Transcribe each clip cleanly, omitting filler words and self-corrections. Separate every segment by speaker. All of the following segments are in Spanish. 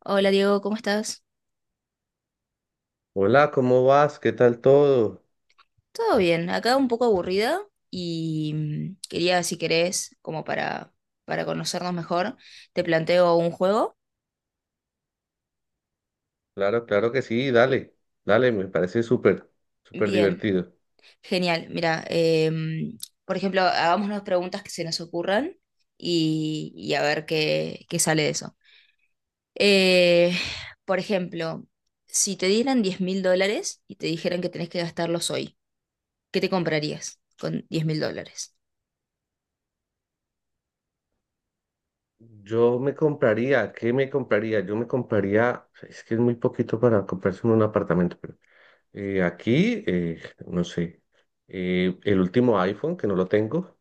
Speaker 1: Hola Diego, ¿cómo estás?
Speaker 2: Hola, ¿cómo vas? ¿Qué tal todo?
Speaker 1: Todo bien, acá un poco aburrida y quería, si querés, como para conocernos mejor, te planteo un juego.
Speaker 2: Claro, claro que sí, dale, dale, me parece súper, súper
Speaker 1: Bien,
Speaker 2: divertido.
Speaker 1: genial. Mira, por ejemplo, hagamos unas preguntas que se nos ocurran y a ver qué sale de eso. Eh, por ejemplo, si te dieran 10.000 dólares y te dijeran que tenés que gastarlos hoy, ¿qué te comprarías con 10.000 dólares?
Speaker 2: Yo me compraría, ¿qué me compraría? Yo me compraría, es que es muy poquito para comprarse un apartamento, pero aquí, no sé, el último iPhone, que no lo tengo,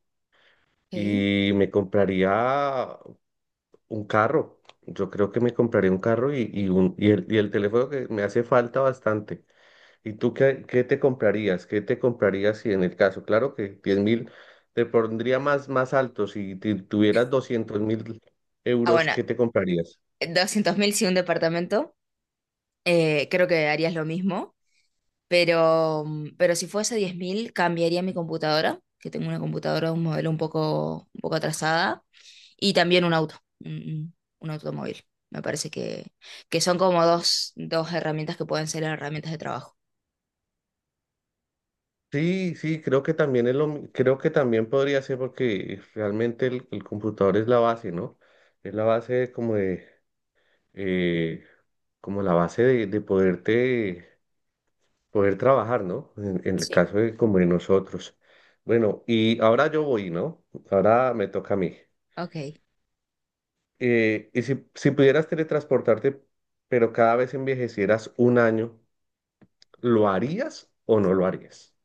Speaker 1: Ok.
Speaker 2: y me compraría un carro. Yo creo que me compraría un carro y el teléfono que me hace falta bastante. ¿Y tú qué te comprarías? ¿Qué te comprarías si en el caso? Claro que 10.000 te pondría más, más alto. Si tuvieras 200.000
Speaker 1: Ah,
Speaker 2: euros,
Speaker 1: bueno,
Speaker 2: ¿qué te comprarías?
Speaker 1: 200.000 si un departamento. Creo que harías lo mismo, pero si fuese 10.000 cambiaría mi computadora, que tengo una computadora, un modelo un poco atrasada, y también un automóvil. Me parece que son como dos herramientas que pueden ser herramientas de trabajo.
Speaker 2: Sí, sí, creo que también es creo que también podría ser porque realmente el computador es la base, ¿no? Es la base como de, eh, como la base de poderte, poder trabajar, ¿no? En el
Speaker 1: Sí.
Speaker 2: caso de como de nosotros. Bueno, y ahora yo voy, ¿no? Ahora me toca a mí.
Speaker 1: Ok.
Speaker 2: Y si pudieras teletransportarte, pero cada vez envejecieras un año, ¿lo harías o no lo harías?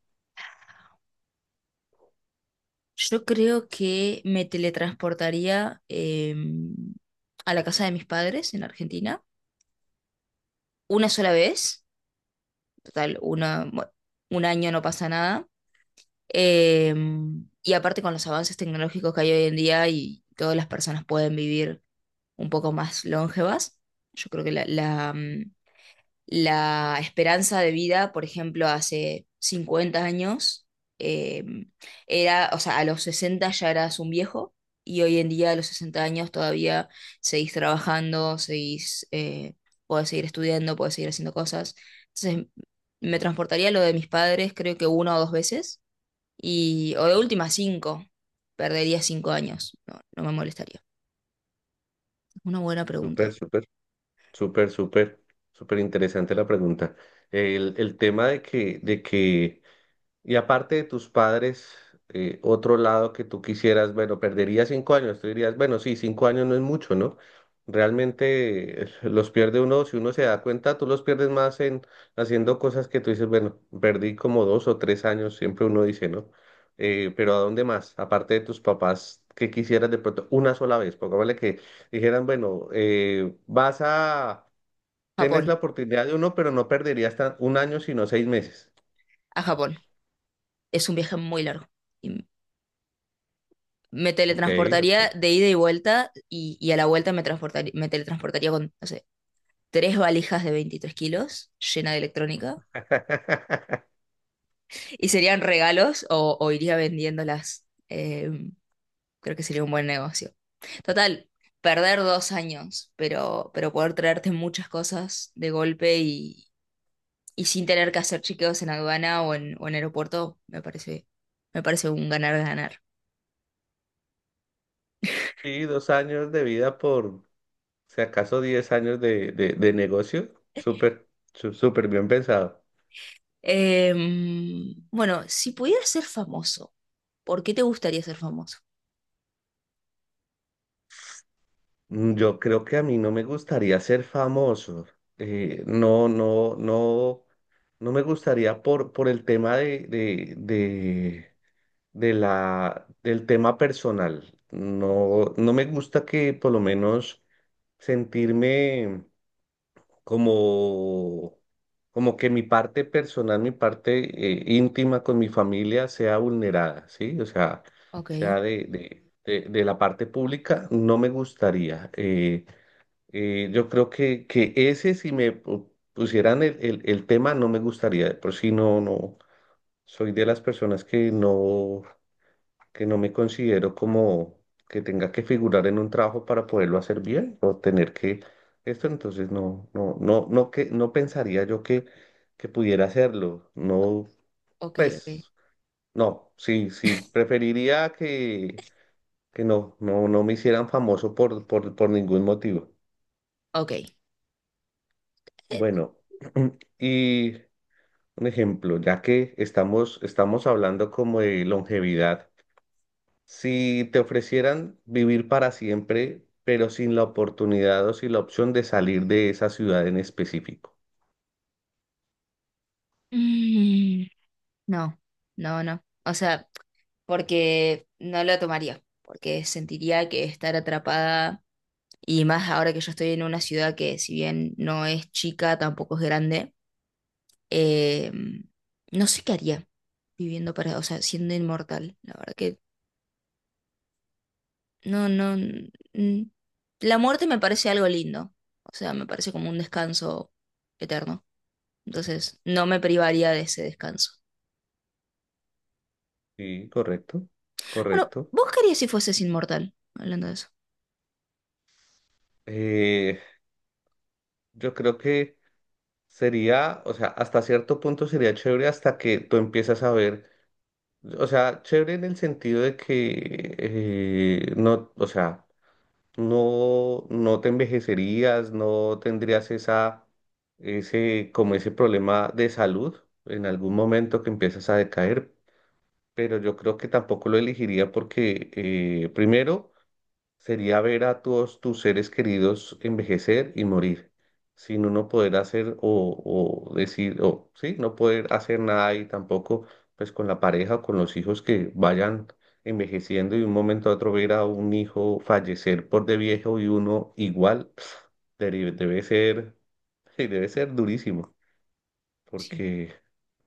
Speaker 1: Yo creo que me teletransportaría a la casa de mis padres en Argentina una sola vez, total, una, bueno, un año no pasa nada. Eh, y aparte con los avances tecnológicos que hay hoy en día y todas las personas pueden vivir un poco más longevas, yo creo que la esperanza de vida, por ejemplo, hace 50 años, eh, era, o sea, a los 60 ya eras un viejo y hoy en día a los 60 años todavía seguís trabajando, seguís, podés seguir estudiando, podés seguir haciendo cosas. Entonces, me transportaría a lo de mis padres, creo que una o dos veces y, o de última, cinco. Perdería 5 años. No, no me molestaría. Una buena
Speaker 2: Súper,
Speaker 1: pregunta.
Speaker 2: súper, súper, súper, súper interesante la pregunta. El tema de que, y aparte de tus padres, otro lado que tú quisieras, bueno, perdería 5 años, tú dirías, bueno, sí, 5 años no es mucho, ¿no? Realmente los pierde uno, si uno se da cuenta, tú los pierdes más en haciendo cosas que tú dices, bueno, perdí como 2 o 3 años, siempre uno dice, ¿no? Pero ¿a dónde más? Aparte de tus papás, ¿qué quisieras de pronto? Una sola vez, pongámosle que dijeran, bueno, vas a, tienes
Speaker 1: Japón,
Speaker 2: la oportunidad de uno, pero no perderías 1 año, sino 6 meses.
Speaker 1: a Japón. Es un viaje muy largo. Y me
Speaker 2: Ok.
Speaker 1: teletransportaría de ida y vuelta y a la vuelta me teletransportaría con, no sé, tres valijas de 23 kilos llena de electrónica. Y serían regalos o iría vendiéndolas. Creo que sería un buen negocio. Total, perder 2 años, pero poder traerte muchas cosas de golpe y sin tener que hacer chequeos en aduana o en aeropuerto, me parece un ganar-ganar.
Speaker 2: Sí, 2 años de vida por, si acaso, 10 años de negocio. Súper, súper bien pensado.
Speaker 1: Bueno, si pudieras ser famoso, ¿por qué te gustaría ser famoso?
Speaker 2: Yo creo que a mí no me gustaría ser famoso. No, no me gustaría por el tema de del tema personal. No, no me gusta que por lo menos sentirme, como, como que mi parte personal, mi parte íntima con mi familia sea vulnerada, ¿sí? O sea,
Speaker 1: Ok,
Speaker 2: sea de la parte pública, no me gustaría. Yo creo que ese, si me pusieran el tema, no me gustaría. De por si no, no, soy de las personas que no, que no me considero como que tenga que figurar en un trabajo para poderlo hacer bien o tener que esto, entonces no, que no pensaría yo que pudiera hacerlo. No,
Speaker 1: ok, ok,
Speaker 2: pues, no, sí, sí, preferiría que no, no me hicieran famoso por ningún motivo.
Speaker 1: ok. Eh,
Speaker 2: Bueno, y un ejemplo, ya que estamos hablando como de longevidad. Si te ofrecieran vivir para siempre, pero sin la oportunidad o sin la opción de salir de esa ciudad en específico.
Speaker 1: mm, no, no, no. O sea, porque no lo tomaría, porque sentiría que estar atrapada, y más ahora que yo estoy en una ciudad que si bien no es chica, tampoco es grande, em, no sé qué haría. Viviendo para, o sea, siendo inmortal. La verdad que no, no. La muerte me parece algo lindo. O sea, me parece como un descanso eterno. Entonces, no me privaría de ese descanso.
Speaker 2: Sí, correcto,
Speaker 1: Bueno,
Speaker 2: correcto.
Speaker 1: ¿vos qué harías si fueses inmortal? Hablando de eso.
Speaker 2: Eh, yo creo que sería, o sea, hasta cierto punto sería chévere hasta que tú empiezas a ver, o sea, chévere en el sentido de que no, o sea, no, no te envejecerías, no tendrías esa, ese, como ese problema de salud en algún momento que empiezas a decaer, pero yo creo que tampoco lo elegiría porque primero sería ver a todos tus seres queridos envejecer y morir, sin uno poder hacer o decir, o sí, no poder hacer nada y tampoco pues con la pareja o con los hijos que vayan envejeciendo y de un momento a otro ver a un hijo fallecer por de viejo y uno igual, debe, debe ser, debe ser durísimo,
Speaker 1: Sí.
Speaker 2: porque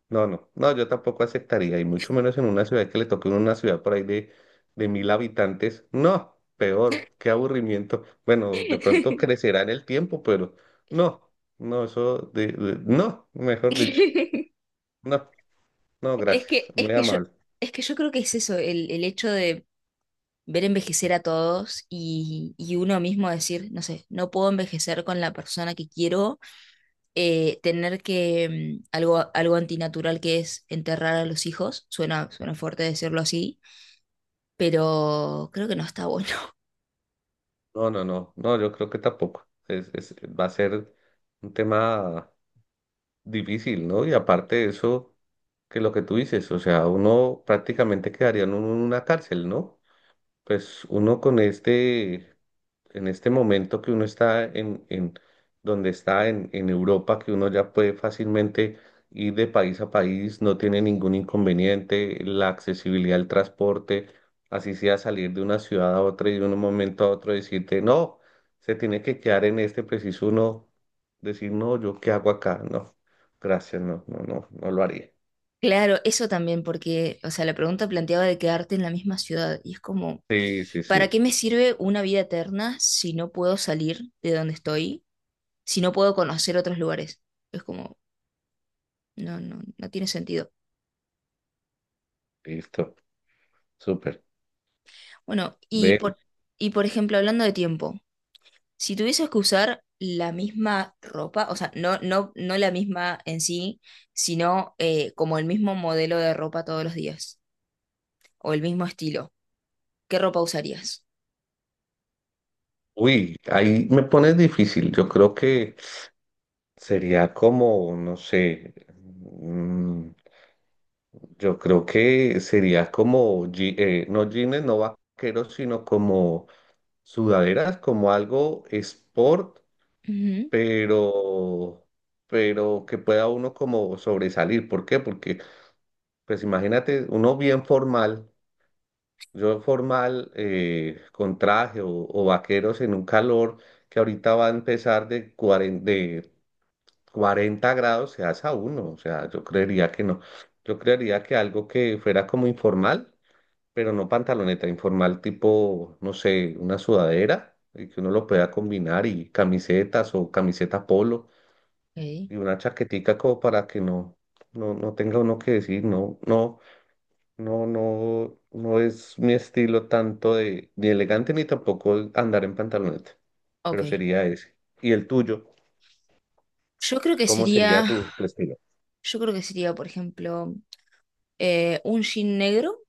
Speaker 2: no, no, no, yo tampoco aceptaría, y mucho menos en una ciudad que le toque una ciudad por ahí de 1.000 habitantes. No, peor, qué aburrimiento. Bueno, de pronto crecerá en el tiempo, pero no, no, eso no, mejor dicho, no, no,
Speaker 1: Es
Speaker 2: gracias,
Speaker 1: que, es
Speaker 2: muy
Speaker 1: que yo,
Speaker 2: amable.
Speaker 1: es que yo creo que es eso, el hecho de ver envejecer a todos y uno mismo decir, no sé, no puedo envejecer con la persona que quiero, tener que algo antinatural que es enterrar a los hijos, suena fuerte decirlo así, pero creo que no está bueno.
Speaker 2: No, no, no, no, yo creo que tampoco. Es, va a ser un tema difícil, ¿no? Y aparte de eso, que lo que tú dices, o sea, uno prácticamente quedaría en una cárcel, ¿no? Pues uno con este, en este momento que uno está en donde está en Europa, que uno ya puede fácilmente ir de país a país, no tiene ningún inconveniente, la accesibilidad al transporte, así sea salir de una ciudad a otra y de un momento a otro decirte, no, se tiene que quedar en este preciso uno, decir, no, yo qué hago acá, no, gracias, no, no, no, no lo haría.
Speaker 1: Claro, eso también, porque, o sea, la pregunta planteaba de quedarte en la misma ciudad, y es como,
Speaker 2: Sí, sí,
Speaker 1: ¿para
Speaker 2: sí,
Speaker 1: qué me sirve una vida eterna si no puedo salir de donde estoy, si no puedo conocer otros lugares? Es como, no, no, no tiene sentido.
Speaker 2: listo, súper.
Speaker 1: Bueno,
Speaker 2: Ve,
Speaker 1: y por ejemplo, hablando de tiempo. Si tuvieses que usar la misma ropa, o sea, no, no, no la misma en sí, sino como el mismo modelo de ropa todos los días, o el mismo estilo, ¿qué ropa usarías?
Speaker 2: uy, ahí me pones difícil. Yo creo que sería como, no sé, mm, yo creo que sería como, no jeans, no vaqueros, sino como sudaderas, como algo sport,
Speaker 1: Ujú.
Speaker 2: pero, pero que pueda uno como sobresalir. ¿Por qué? Porque, pues imagínate, uno bien formal, yo formal, con traje o vaqueros en un calor que ahorita va a empezar de 40, cuarenta grados se hace a uno, o sea, yo creería que no. Yo creería que algo que fuera como informal, pero no pantaloneta, informal tipo, no sé, una sudadera, y que uno lo pueda combinar y camisetas o camiseta polo
Speaker 1: Ok.
Speaker 2: y una chaquetica como para que no tenga uno que decir, no es mi estilo tanto de ni elegante ni tampoco andar en pantaloneta,
Speaker 1: Ok.
Speaker 2: pero sería ese. ¿Y el tuyo?
Speaker 1: Yo creo que
Speaker 2: ¿Cómo
Speaker 1: sería,
Speaker 2: sería tu estilo?
Speaker 1: yo creo que sería, por ejemplo, un jean negro,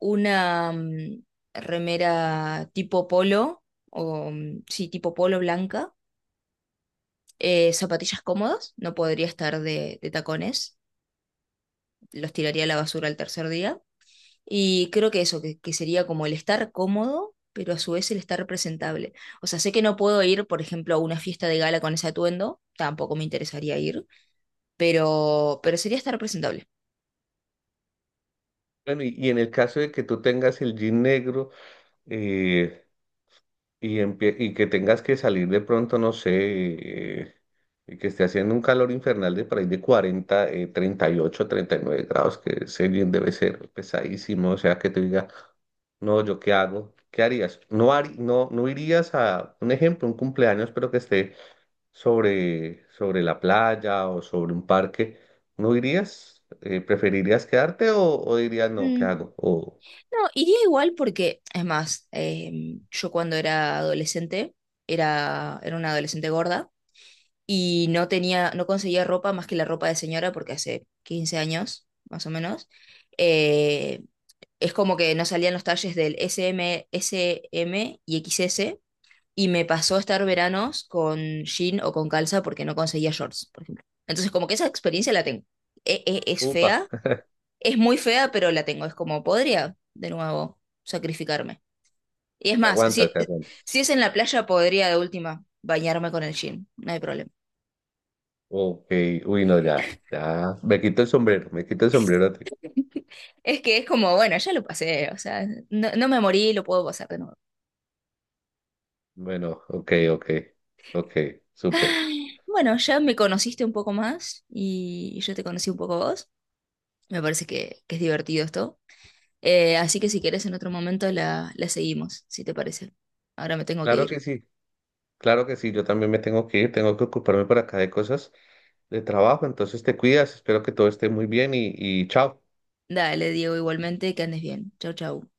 Speaker 1: una remera tipo polo, o sí, tipo polo blanca, zapatillas cómodas, no podría estar de tacones, los tiraría a la basura el tercer día. Y creo que eso, que sería como el estar cómodo, pero a su vez el estar presentable. O sea, sé que no puedo ir, por ejemplo, a una fiesta de gala con ese atuendo, tampoco me interesaría ir, pero sería estar presentable.
Speaker 2: Bueno, y en el caso de que tú tengas el jean negro, eh, y, y que tengas que salir de pronto, no sé, y que esté haciendo un calor infernal de por ahí de 40, 38, 39 grados, que ese jean debe ser pesadísimo, o sea, que te diga, no, ¿yo qué hago? ¿Qué harías? No, no, no irías a, un ejemplo, un cumpleaños, pero que esté sobre la playa o sobre un parque, ¿no irías? ¿Preferirías quedarte o dirías, no, ¿qué
Speaker 1: Mm,
Speaker 2: hago? O,
Speaker 1: No, iría igual porque, es más, yo cuando era adolescente, era una adolescente gorda y no tenía, no conseguía ropa más que la ropa de señora porque hace 15 años, más o menos. Eh, es como que no salían los talles del S M S M y X S y me pasó a estar veranos con jean o con calza porque no conseguía shorts, por ejemplo. Entonces, como que esa experiencia la tengo. Es
Speaker 2: upa.
Speaker 1: fea, es muy fea, pero la tengo. Es como, podría, de nuevo, sacrificarme. Y es más,
Speaker 2: Aguantas, te aguantas.
Speaker 1: si es en la playa, podría de última bañarme con el jean, no hay problema.
Speaker 2: Ok, uy, no, ya, ya. Me quito el sombrero, me quito el sombrero. A
Speaker 1: Es que es como, bueno, ya lo pasé, o sea, no, no me morí, lo puedo pasar de nuevo.
Speaker 2: bueno, ok, ok, ok, súper.
Speaker 1: Ay, bueno, ya me conociste un poco más y yo te conocí un poco a vos. Me parece que es divertido esto. Así que si querés en otro momento la seguimos, si te parece. Ahora me tengo que
Speaker 2: Claro
Speaker 1: ir.
Speaker 2: que sí, claro que sí, yo también me tengo que ir, tengo que ocuparme por acá de cosas de trabajo, entonces te cuidas, espero que todo esté muy bien y chao.
Speaker 1: Dale, Diego, igualmente, que andes bien. Chau, chau.